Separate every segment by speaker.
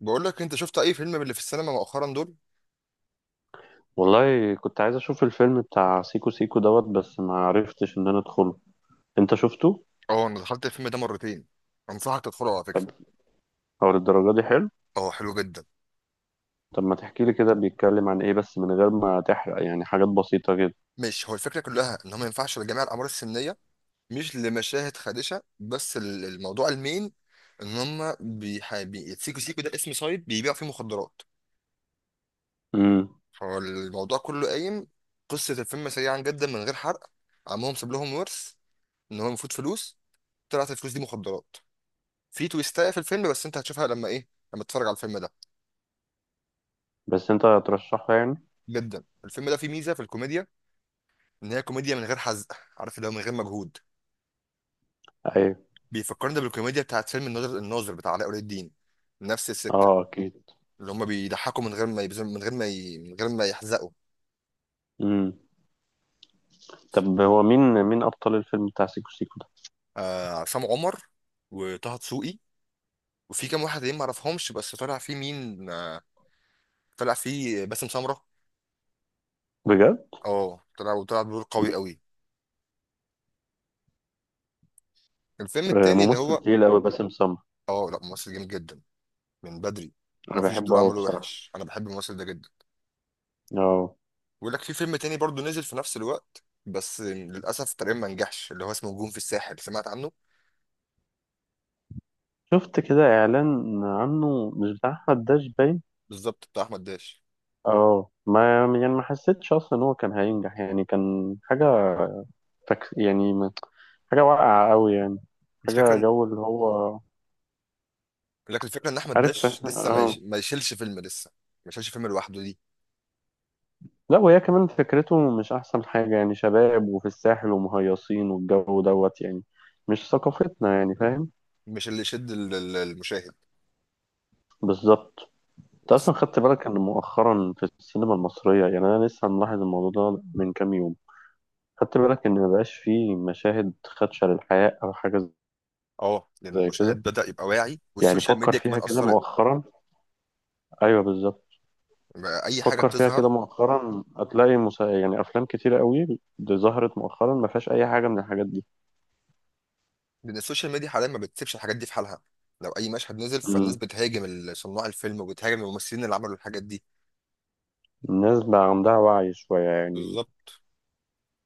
Speaker 1: بقول لك انت شفت اي فيلم من اللي في السينما مؤخرا دول؟
Speaker 2: والله كنت عايز اشوف الفيلم بتاع سيكو سيكو دوت، بس ما عرفتش ان انا ادخله. انت شفته؟
Speaker 1: اه انا دخلت الفيلم ده مرتين. انصحك تدخله على فكره.
Speaker 2: طب هو للدرجه دي حلو؟
Speaker 1: اه حلو جدا.
Speaker 2: طب ما تحكي لي كده، بيتكلم عن ايه؟ بس من غير ما تحرق يعني، حاجات بسيطه كده.
Speaker 1: مش هو الفكره كلها ان هو ما ينفعش لجميع الاعمار السنيه؟ مش لمشاهد خادشه، بس الموضوع المين، ان هم سيكو سيكو ده اسم سايب بيبيع فيه مخدرات.
Speaker 2: امم.
Speaker 1: فالموضوع كله قايم. قصه الفيلم سريعا جدا من غير حرق: عمهم ساب لهم ورث، ان هو المفروض فلوس، طلعت الفلوس دي مخدرات. في تويستايه في الفيلم بس انت هتشوفها لما ايه، لما تتفرج على الفيلم ده.
Speaker 2: بس انت ترشحه يعني؟
Speaker 1: جدا الفيلم ده فيه ميزه في الكوميديا، ان هي كوميديا من غير حزق، عارف اللي هو، من غير مجهود.
Speaker 2: ايوه،
Speaker 1: بيفكرني بالكوميديا بتاعت فيلم الناظر بتاع علاء ولي الدين، نفس السكه.
Speaker 2: اه اكيد.
Speaker 1: اللي هم بيضحكوا من غير ما يبذلوا، من غير ما من غير ما يحزقوا.
Speaker 2: امم. طب هو مين ابطال الفيلم بتاع سيكو سيكو ده؟
Speaker 1: عصام عمر، وطه دسوقي، وفي كام واحد تانيين ما اعرفهمش، بس طلع فيه مين؟ طلع فيه باسم سمره.
Speaker 2: بجد؟
Speaker 1: اه، طلع وطلع بدور قوي
Speaker 2: مم.
Speaker 1: قوي. الفيلم
Speaker 2: آه،
Speaker 1: التاني اللي
Speaker 2: ممثل
Speaker 1: هو.
Speaker 2: تقيل قوي باسم سمرة.
Speaker 1: اه لا، ممثل جامد جدا، من بدري،
Speaker 2: انا
Speaker 1: ومفيش دور
Speaker 2: بحبه قوي
Speaker 1: عمله
Speaker 2: بصراحه.
Speaker 1: وحش، انا بحب الممثل ده جدا.
Speaker 2: اه.
Speaker 1: بيقول لك في فيلم تاني برضو نزل في نفس الوقت، بس للاسف تقريبا ما نجحش، اللي هو اسمه نجوم في الساحل، سمعت عنه؟
Speaker 2: شفت كده اعلان عنه مش بتاع احمد داش باين.
Speaker 1: بالظبط، بتاع احمد داش.
Speaker 2: اه، ما يعني ما حسيتش اصلا ان هو كان هينجح يعني، كان حاجه يعني حاجه واقعه قوي يعني.
Speaker 1: الفكره
Speaker 2: حاجه
Speaker 1: إن-
Speaker 2: جو اللي هو.
Speaker 1: لكن الفكره ان احمد
Speaker 2: عارف،
Speaker 1: داش لسه
Speaker 2: اه.
Speaker 1: ما يشيلش فيلم لسه، ما يشيلش فيلم لوحده دي.
Speaker 2: لا، وهي كمان فكرته مش احسن حاجه يعني، شباب وفي الساحل ومهيصين والجو دوت يعني. مش ثقافتنا يعني، فاهم.
Speaker 1: مش اللي يشد المشاهد.
Speaker 2: بالظبط. انت
Speaker 1: بس
Speaker 2: اصلا خدت بالك ان مؤخرا في السينما المصريه، يعني انا لسه ملاحظ الموضوع ده من كام يوم؟ خدت بالك ان مبقاش فيه مشاهد خدشه للحياه او حاجه؟
Speaker 1: اه، لان
Speaker 2: زي
Speaker 1: المشاهد
Speaker 2: كده.
Speaker 1: بدا يبقى واعي،
Speaker 2: يعني
Speaker 1: والسوشيال
Speaker 2: فكر
Speaker 1: ميديا
Speaker 2: فيها
Speaker 1: كمان
Speaker 2: كده
Speaker 1: اثرت،
Speaker 2: مؤخرا. ايوه بالظبط.
Speaker 1: بقى اي حاجه
Speaker 2: فكر فيها كده
Speaker 1: بتظهر،
Speaker 2: مؤخرا هتلاقي يعني افلام كتيره قوي دي ظهرت مؤخرا ما فيهاش اي حاجه من الحاجات دي.
Speaker 1: لان السوشيال ميديا حاليا ما بتسيبش الحاجات دي في حالها، لو اي مشهد نزل فالناس
Speaker 2: مم.
Speaker 1: بتهاجم صناع الفيلم وبتهاجم الممثلين اللي عملوا الحاجات دي.
Speaker 2: الناس بقى عندها وعي شويه يعني.
Speaker 1: بالظبط.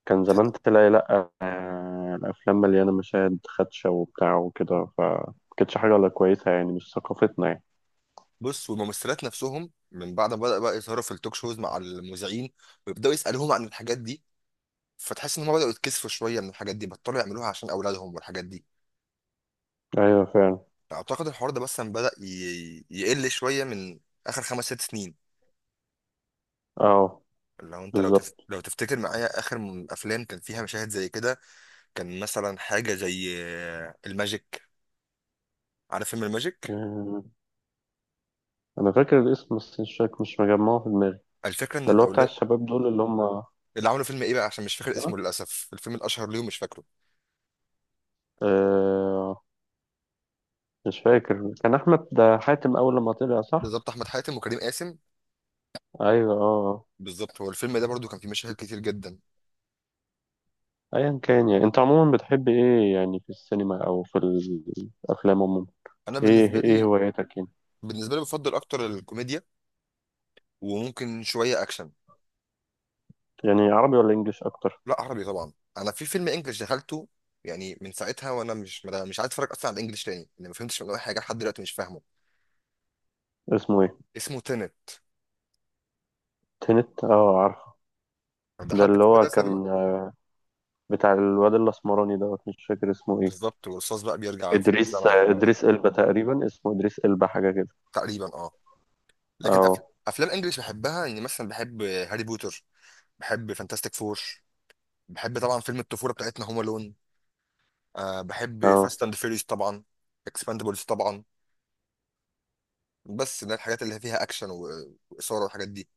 Speaker 2: كان زمان تلاقي، لا آه، الافلام مليانه مشاهد خدشه وبتاع وكده، ف ما كانتش حاجه ولا كويسه يعني، مش ثقافتنا يعني.
Speaker 1: بص، والممثلات نفسهم من بعد ما بدأ بقى يظهروا في التوك شوز مع المذيعين ويبدأوا يسألوهم عن الحاجات دي، فتحس ان هم بدأوا يتكسفوا شوية من الحاجات دي، بطلوا يعملوها عشان أولادهم والحاجات دي.
Speaker 2: ايوه فعلا.
Speaker 1: أعتقد الحوار ده مثلا بدأ يقل شوية من آخر خمس ست سنين.
Speaker 2: اه.
Speaker 1: لو انت
Speaker 2: بالظبط.
Speaker 1: لو تفتكر معايا آخر أفلام كان فيها مشاهد زي كده، كان مثلا حاجة زي الماجيك. عارف فيلم الماجيك؟
Speaker 2: آه، انا فاكر الاسم بس مش فاكر، مش مجمعه في دماغي.
Speaker 1: الفكرة ان
Speaker 2: ده اللي هو بتاع
Speaker 1: الأولاد
Speaker 2: الشباب دول اللي هم.
Speaker 1: اللي عملوا فيلم ايه بقى، عشان مش فاكر اسمه للأسف، الفيلم الأشهر ليهم مش فاكره.
Speaker 2: آه، مش فاكر، كان احمد حاتم اول لما طلع، صح؟
Speaker 1: بالظبط، أحمد حاتم وكريم قاسم.
Speaker 2: ايوه اه آه.
Speaker 1: بالظبط، هو الفيلم ده برضو كان فيه مشاهد كتير جدا.
Speaker 2: ايا كان، يعني انت عموما بتحب ايه يعني في السينما او في الافلام عموما؟
Speaker 1: انا بالنسبه
Speaker 2: ايه
Speaker 1: لي
Speaker 2: هواياتك يعني؟
Speaker 1: بالنسبه لي بفضل اكتر الكوميديا، وممكن شويه اكشن.
Speaker 2: يعني عربي ولا انجليش اكتر؟
Speaker 1: لا عربي طبعا، انا في فيلم انجلش دخلته، يعني من ساعتها وانا مش عايز اتفرج اصلا على الانجليش تاني، لان ما فهمتش منه اي حاجه، لحد دلوقتي مش فاهمه.
Speaker 2: اسمه ايه؟
Speaker 1: اسمه تينت،
Speaker 2: تنت، اه عارفه. ده
Speaker 1: دخلت
Speaker 2: اللي
Speaker 1: الفيلم
Speaker 2: هو
Speaker 1: ده سينما.
Speaker 2: كان بتاع الواد الاسمراني دوت، مش فاكر اسمه ايه.
Speaker 1: بالظبط، والرصاص بقى بيرجع في
Speaker 2: ادريس
Speaker 1: الزمن وبتاع.
Speaker 2: ادريس البا تقريبا، اسمه ادريس البا حاجه كده.
Speaker 1: تقريبا اه. لكن أف...
Speaker 2: اه
Speaker 1: افلام انجلش بحبها، يعني مثلا بحب هاري بوتر، بحب فانتاستيك فور، بحب طبعا فيلم الطفوله بتاعتنا هوم الون، بحب
Speaker 2: اه،
Speaker 1: فاست اند فيريوس طبعا، اكسباندبلز طبعا. بس ده الحاجات اللي فيها اكشن واثاره والحاجات دي.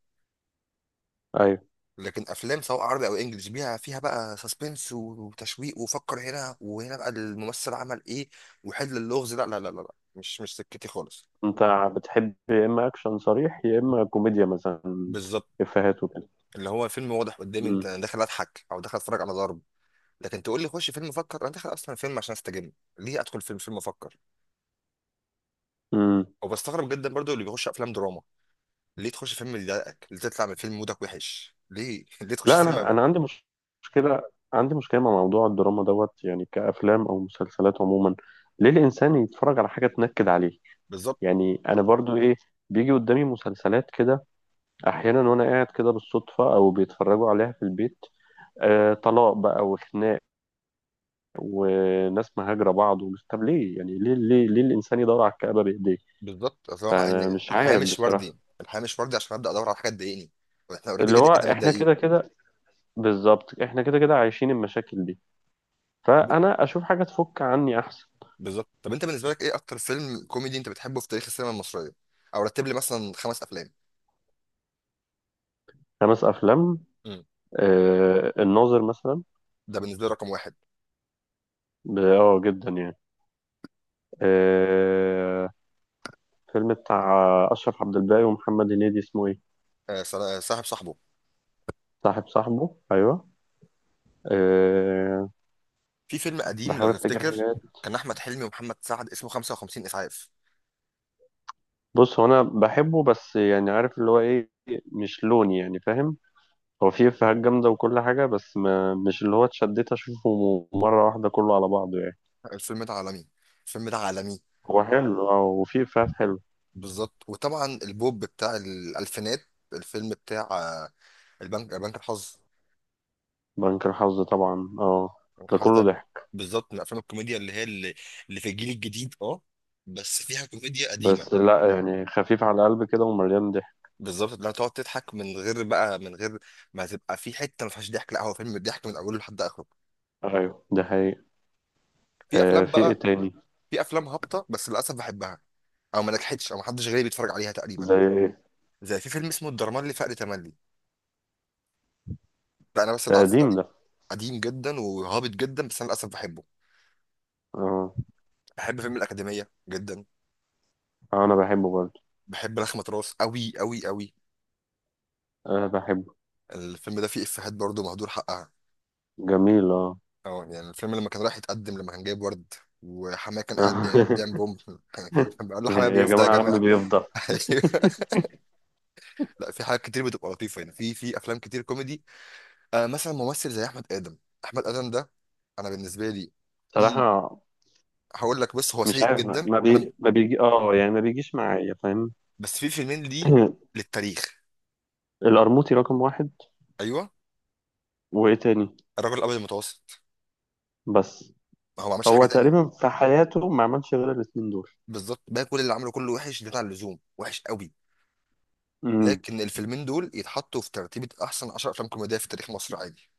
Speaker 2: ايوه.
Speaker 1: لكن افلام سواء عربي او انجلش بيها فيها بقى سسبنس وتشويق، وفكر هنا وهنا بقى الممثل عمل ايه وحل اللغز. لا لا لا لا لا. مش سكتي خالص.
Speaker 2: انت بتحب يا اما اكشن صريح يا اما كوميديا مثلا؟
Speaker 1: بالظبط،
Speaker 2: افيهات وكده.
Speaker 1: اللي هو فيلم واضح قدامي، انت داخل اضحك او داخل اتفرج على ضرب، لكن تقول لي خش فيلم افكر، انا داخل اصلا فيلم عشان استجم، ليه ادخل فيلم افكر؟
Speaker 2: امم.
Speaker 1: وبستغرب جدا برضو اللي بيخش افلام دراما، ليه تخش فيلم يضايقك؟ ليه تطلع من فيلم مودك وحش؟ ليه ليه تخش
Speaker 2: لا،
Speaker 1: سينما
Speaker 2: انا
Speaker 1: بقى؟
Speaker 2: انا عندي مشكله. عندي مشكله مع موضوع الدراما دوت يعني، كافلام او مسلسلات عموما. ليه الانسان يتفرج على حاجه تنكد عليه؟
Speaker 1: بالظبط.
Speaker 2: يعني انا برضو ايه، بيجي قدامي مسلسلات كده احيانا وانا قاعد كده بالصدفه، او بيتفرجوا عليها في البيت. آه، طلاق بقى وخناق وناس مهاجره بعض ومش، طب ليه يعني؟ ليه ليه ليه الانسان يدور على الكآبه بايديه؟
Speaker 1: بالظبط، صراحه
Speaker 2: فانا
Speaker 1: يعني،
Speaker 2: مش
Speaker 1: الحياه
Speaker 2: عارف
Speaker 1: مش
Speaker 2: بصراحه.
Speaker 1: وردي الحياه مش وردي عشان ابدا ادور على حاجه تضايقني، واحنا اوريدي
Speaker 2: اللي
Speaker 1: كده
Speaker 2: هو
Speaker 1: كده
Speaker 2: احنا
Speaker 1: متضايقين.
Speaker 2: كده كده. بالظبط، احنا كده كده عايشين المشاكل دي.
Speaker 1: طب إنت-
Speaker 2: فانا اشوف حاجه تفك عني احسن.
Speaker 1: بالظبط، طب انت بالنسبه لك ايه اكتر فيلم كوميدي انت بتحبه في تاريخ السينما المصريه؟ او رتب لي مثلا خمس افلام.
Speaker 2: خمس أفلام.
Speaker 1: مم.
Speaker 2: آه، الناظر مثلا.
Speaker 1: ده بالنسبه لي رقم واحد.
Speaker 2: اه جدا يعني. آه. فيلم بتاع أشرف عبد الباقي ومحمد هنيدي، اسمه إيه؟
Speaker 1: صاحب صاحبه.
Speaker 2: صاحب صاحبه، أيوه. آه.
Speaker 1: في فيلم قديم
Speaker 2: بحاول
Speaker 1: لو
Speaker 2: أفتكر
Speaker 1: تفتكر،
Speaker 2: حاجات.
Speaker 1: كان احمد حلمي ومحمد سعد اسمه 55 اسعاف.
Speaker 2: بص، هو أنا بحبه بس يعني، عارف اللي هو إيه؟ مش لوني يعني، فاهم. هو فيه إفيهات جامدة وكل حاجة، بس ما مش اللي هو اتشديت أشوفه مرة واحدة كله على بعضه يعني.
Speaker 1: الفيلم ده عالمي، الفيلم ده عالمي.
Speaker 2: هو حلو اه، وفيه إفيهات حلوة.
Speaker 1: بالظبط، وطبعا البوب بتاع الالفينات، الفيلم بتاع آه، البنك بنك الحظ.
Speaker 2: بنك الحظ، طبعا اه.
Speaker 1: بنك
Speaker 2: ده
Speaker 1: الحظ
Speaker 2: كله
Speaker 1: ده
Speaker 2: ضحك.
Speaker 1: بالظبط من افلام الكوميديا اللي هي اللي في الجيل الجديد، اه بس فيها كوميديا قديمه.
Speaker 2: بس لا يعني، خفيف على القلب كده ومليان ضحك.
Speaker 1: بالظبط، اللي هتقعد تضحك من غير ما تبقى في حته ما فيهاش ضحك، لا هو فيلم ضحك من اوله لحد اخره.
Speaker 2: ايوه ده حقيقي.
Speaker 1: في
Speaker 2: آه،
Speaker 1: افلام
Speaker 2: في ايه
Speaker 1: بقى،
Speaker 2: تاني؟
Speaker 1: في افلام هابطه بس للاسف بحبها، او ما نجحتش او ما حدش غيري بيتفرج عليها تقريبا،
Speaker 2: زي ايه؟
Speaker 1: زي في فيلم اسمه الدرمان لفقر تملي، ده انا بس
Speaker 2: ده
Speaker 1: اللي عارفه
Speaker 2: قديم
Speaker 1: تقريبا،
Speaker 2: ده.
Speaker 1: قديم جدا وهابط جدا بس انا للاسف بحبه.
Speaker 2: اه.
Speaker 1: بحب فيلم الأكاديمية جدا.
Speaker 2: آه، انا بحبه برضه.
Speaker 1: بحب لخمة راس أوي أوي أوي.
Speaker 2: انا بحبه.
Speaker 1: الفيلم ده فيه إفيهات برضه مهدور حقها،
Speaker 2: جميل، اه.
Speaker 1: اه يعني الفيلم لما كان رايح يتقدم، لما كان جايب ورد وحماه كان قاعد بيعمل بوم كان كان بيقول له حماه،
Speaker 2: يا
Speaker 1: بيفضى يا
Speaker 2: جماعة
Speaker 1: جماعة.
Speaker 2: عم بيفضل.
Speaker 1: أيوه. لا، في حاجات كتير بتبقى لطيفة، يعني في أفلام كتير كوميدي، مثلا ممثل زي أحمد آدم. أحمد آدم ده، أنا بالنسبة لي في
Speaker 2: صراحة.
Speaker 1: هقول لك، بس هو
Speaker 2: مش
Speaker 1: سيء
Speaker 2: عارف، ما
Speaker 1: جدا
Speaker 2: ما
Speaker 1: أنا.
Speaker 2: بي ما بيجي يعني، ما بيجيش معايا، فاهم.
Speaker 1: بس في فيلمين ليه للتاريخ.
Speaker 2: القرموطي رقم واحد.
Speaker 1: أيوه،
Speaker 2: وايه تاني؟
Speaker 1: الرجل الأبيض المتوسط.
Speaker 2: بس.
Speaker 1: ما هو ما عملش حاجة
Speaker 2: هو
Speaker 1: تانية.
Speaker 2: تقريبا في حياته ما عملش غير الاتنين دول.
Speaker 1: بالظبط، بقى كل اللي عمله كله وحش، زيادة عن اللزوم وحش قوي،
Speaker 2: امم.
Speaker 1: لكن الفيلمين دول يتحطوا في ترتيبة أحسن 10 أفلام كوميدية في تاريخ مصر عادي.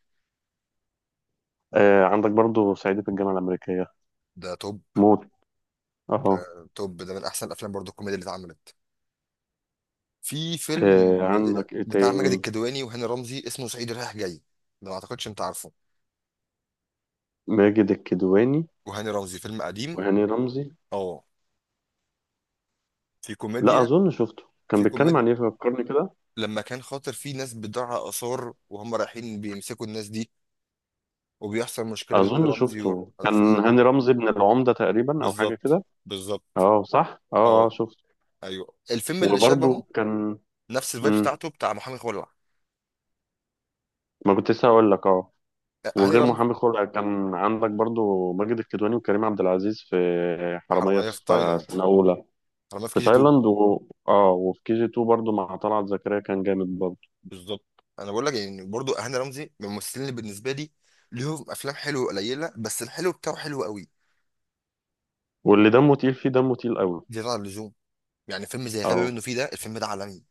Speaker 2: آه، عندك برضه صعيدي في الجامعة الأمريكية.
Speaker 1: ده توب،
Speaker 2: موت. اه.
Speaker 1: ده توب، ده من أحسن الأفلام برضه الكوميديا اللي اتعملت. في فيلم
Speaker 2: آه، عندك ايه
Speaker 1: بتاع ماجد
Speaker 2: تاني؟
Speaker 1: الكدواني وهاني رمزي اسمه صعيدي رايح جاي، ده ما أعتقدش أنت عارفه،
Speaker 2: ماجد الكدواني
Speaker 1: وهاني رمزي فيلم قديم،
Speaker 2: وهاني رمزي.
Speaker 1: أه، في
Speaker 2: لا،
Speaker 1: كوميديا
Speaker 2: اظن شفته. كان
Speaker 1: في
Speaker 2: بيتكلم
Speaker 1: كوميديا
Speaker 2: عن ايه فكرني كده؟
Speaker 1: لما كان خاطر في ناس بتضيع آثار، وهم رايحين بيمسكوا الناس دي، وبيحصل مشكلة بين هاني
Speaker 2: اظن
Speaker 1: رمزي
Speaker 2: شفته كان
Speaker 1: والفيلم.
Speaker 2: هاني رمزي ابن العمدة تقريبا، او حاجة
Speaker 1: بالظبط،
Speaker 2: كده.
Speaker 1: بالظبط،
Speaker 2: اه صح، اه اه
Speaker 1: اه،
Speaker 2: شفته.
Speaker 1: ايوه، الفيلم اللي شبهه
Speaker 2: وبرضو كان.
Speaker 1: نفس الفايب
Speaker 2: مم.
Speaker 1: بتاعته بتاع محامي خلع.
Speaker 2: ما كنت لسه هقول لك، اه.
Speaker 1: هاني
Speaker 2: وغير
Speaker 1: رمزي،
Speaker 2: محامي خلع، كان عندك برضو ماجد الكدواني وكريم عبد العزيز في حرامية، في
Speaker 1: حراميه في
Speaker 2: في
Speaker 1: تايلاند،
Speaker 2: سنة أولى،
Speaker 1: حراميه في
Speaker 2: في
Speaker 1: كي جي 2.
Speaker 2: تايلاند اه وفي كي جي 2 برضو مع طلعت زكريا، كان جامد برضو.
Speaker 1: بالظبط، انا بقول لك يعني برضو هاني رمزي من الممثلين اللي بالنسبه لي ليهم افلام حلوه قليله، بس الحلو بتاعه حلو قوي
Speaker 2: واللي دمه تقيل فيه، دمه تقيل قوي.
Speaker 1: زياده عن اللزوم. يعني فيلم زي غبي
Speaker 2: اه
Speaker 1: منه فيه، ده الفيلم ده عالمي،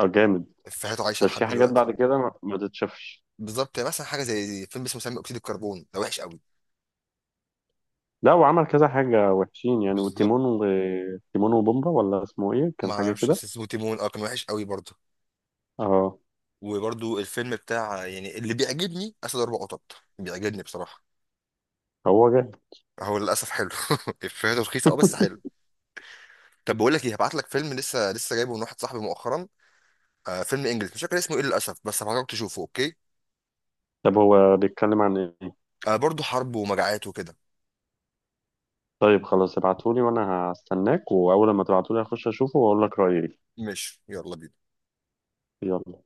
Speaker 2: اه، جامد.
Speaker 1: افيهاته عايشه
Speaker 2: بس
Speaker 1: لحد
Speaker 2: في حاجات
Speaker 1: دلوقتي.
Speaker 2: بعد كده ما تتشافش.
Speaker 1: بالظبط، يعني مثلا حاجه زي فيلم اسمه ثاني اكسيد الكربون ده وحش قوي.
Speaker 2: لا، وعمل كذا حاجة وحشين يعني،
Speaker 1: بالظبط،
Speaker 2: تيمون وبومبا، ولا اسمه ايه،
Speaker 1: ما
Speaker 2: كان حاجة
Speaker 1: اعرفش
Speaker 2: كده.
Speaker 1: بس اسمه تيمون، اه، كان وحش قوي برضه.
Speaker 2: اه.
Speaker 1: وبرضه الفيلم بتاع يعني اللي بيعجبني اسد اربع قطط، بيعجبني بصراحه،
Speaker 2: هو جاي.
Speaker 1: هو للاسف حلو. افيهاته رخيصه اه، بس حلو. طب بقول لك ايه، هبعت لك فيلم لسه لسه جايبه من واحد صاحبي مؤخرا، فيلم انجلش مش فاكر اسمه ايه للاسف، بس هبعتك تشوفه، اوكي؟
Speaker 2: طب هو بيتكلم عن ايه؟
Speaker 1: برضه حرب ومجاعات وكده.
Speaker 2: طيب خلاص ابعتولي، وانا هستناك واول ما تبعتولي هخش اشوفه واقول لك رأيي إيه.
Speaker 1: ماشي، يلا بينا.
Speaker 2: يلا.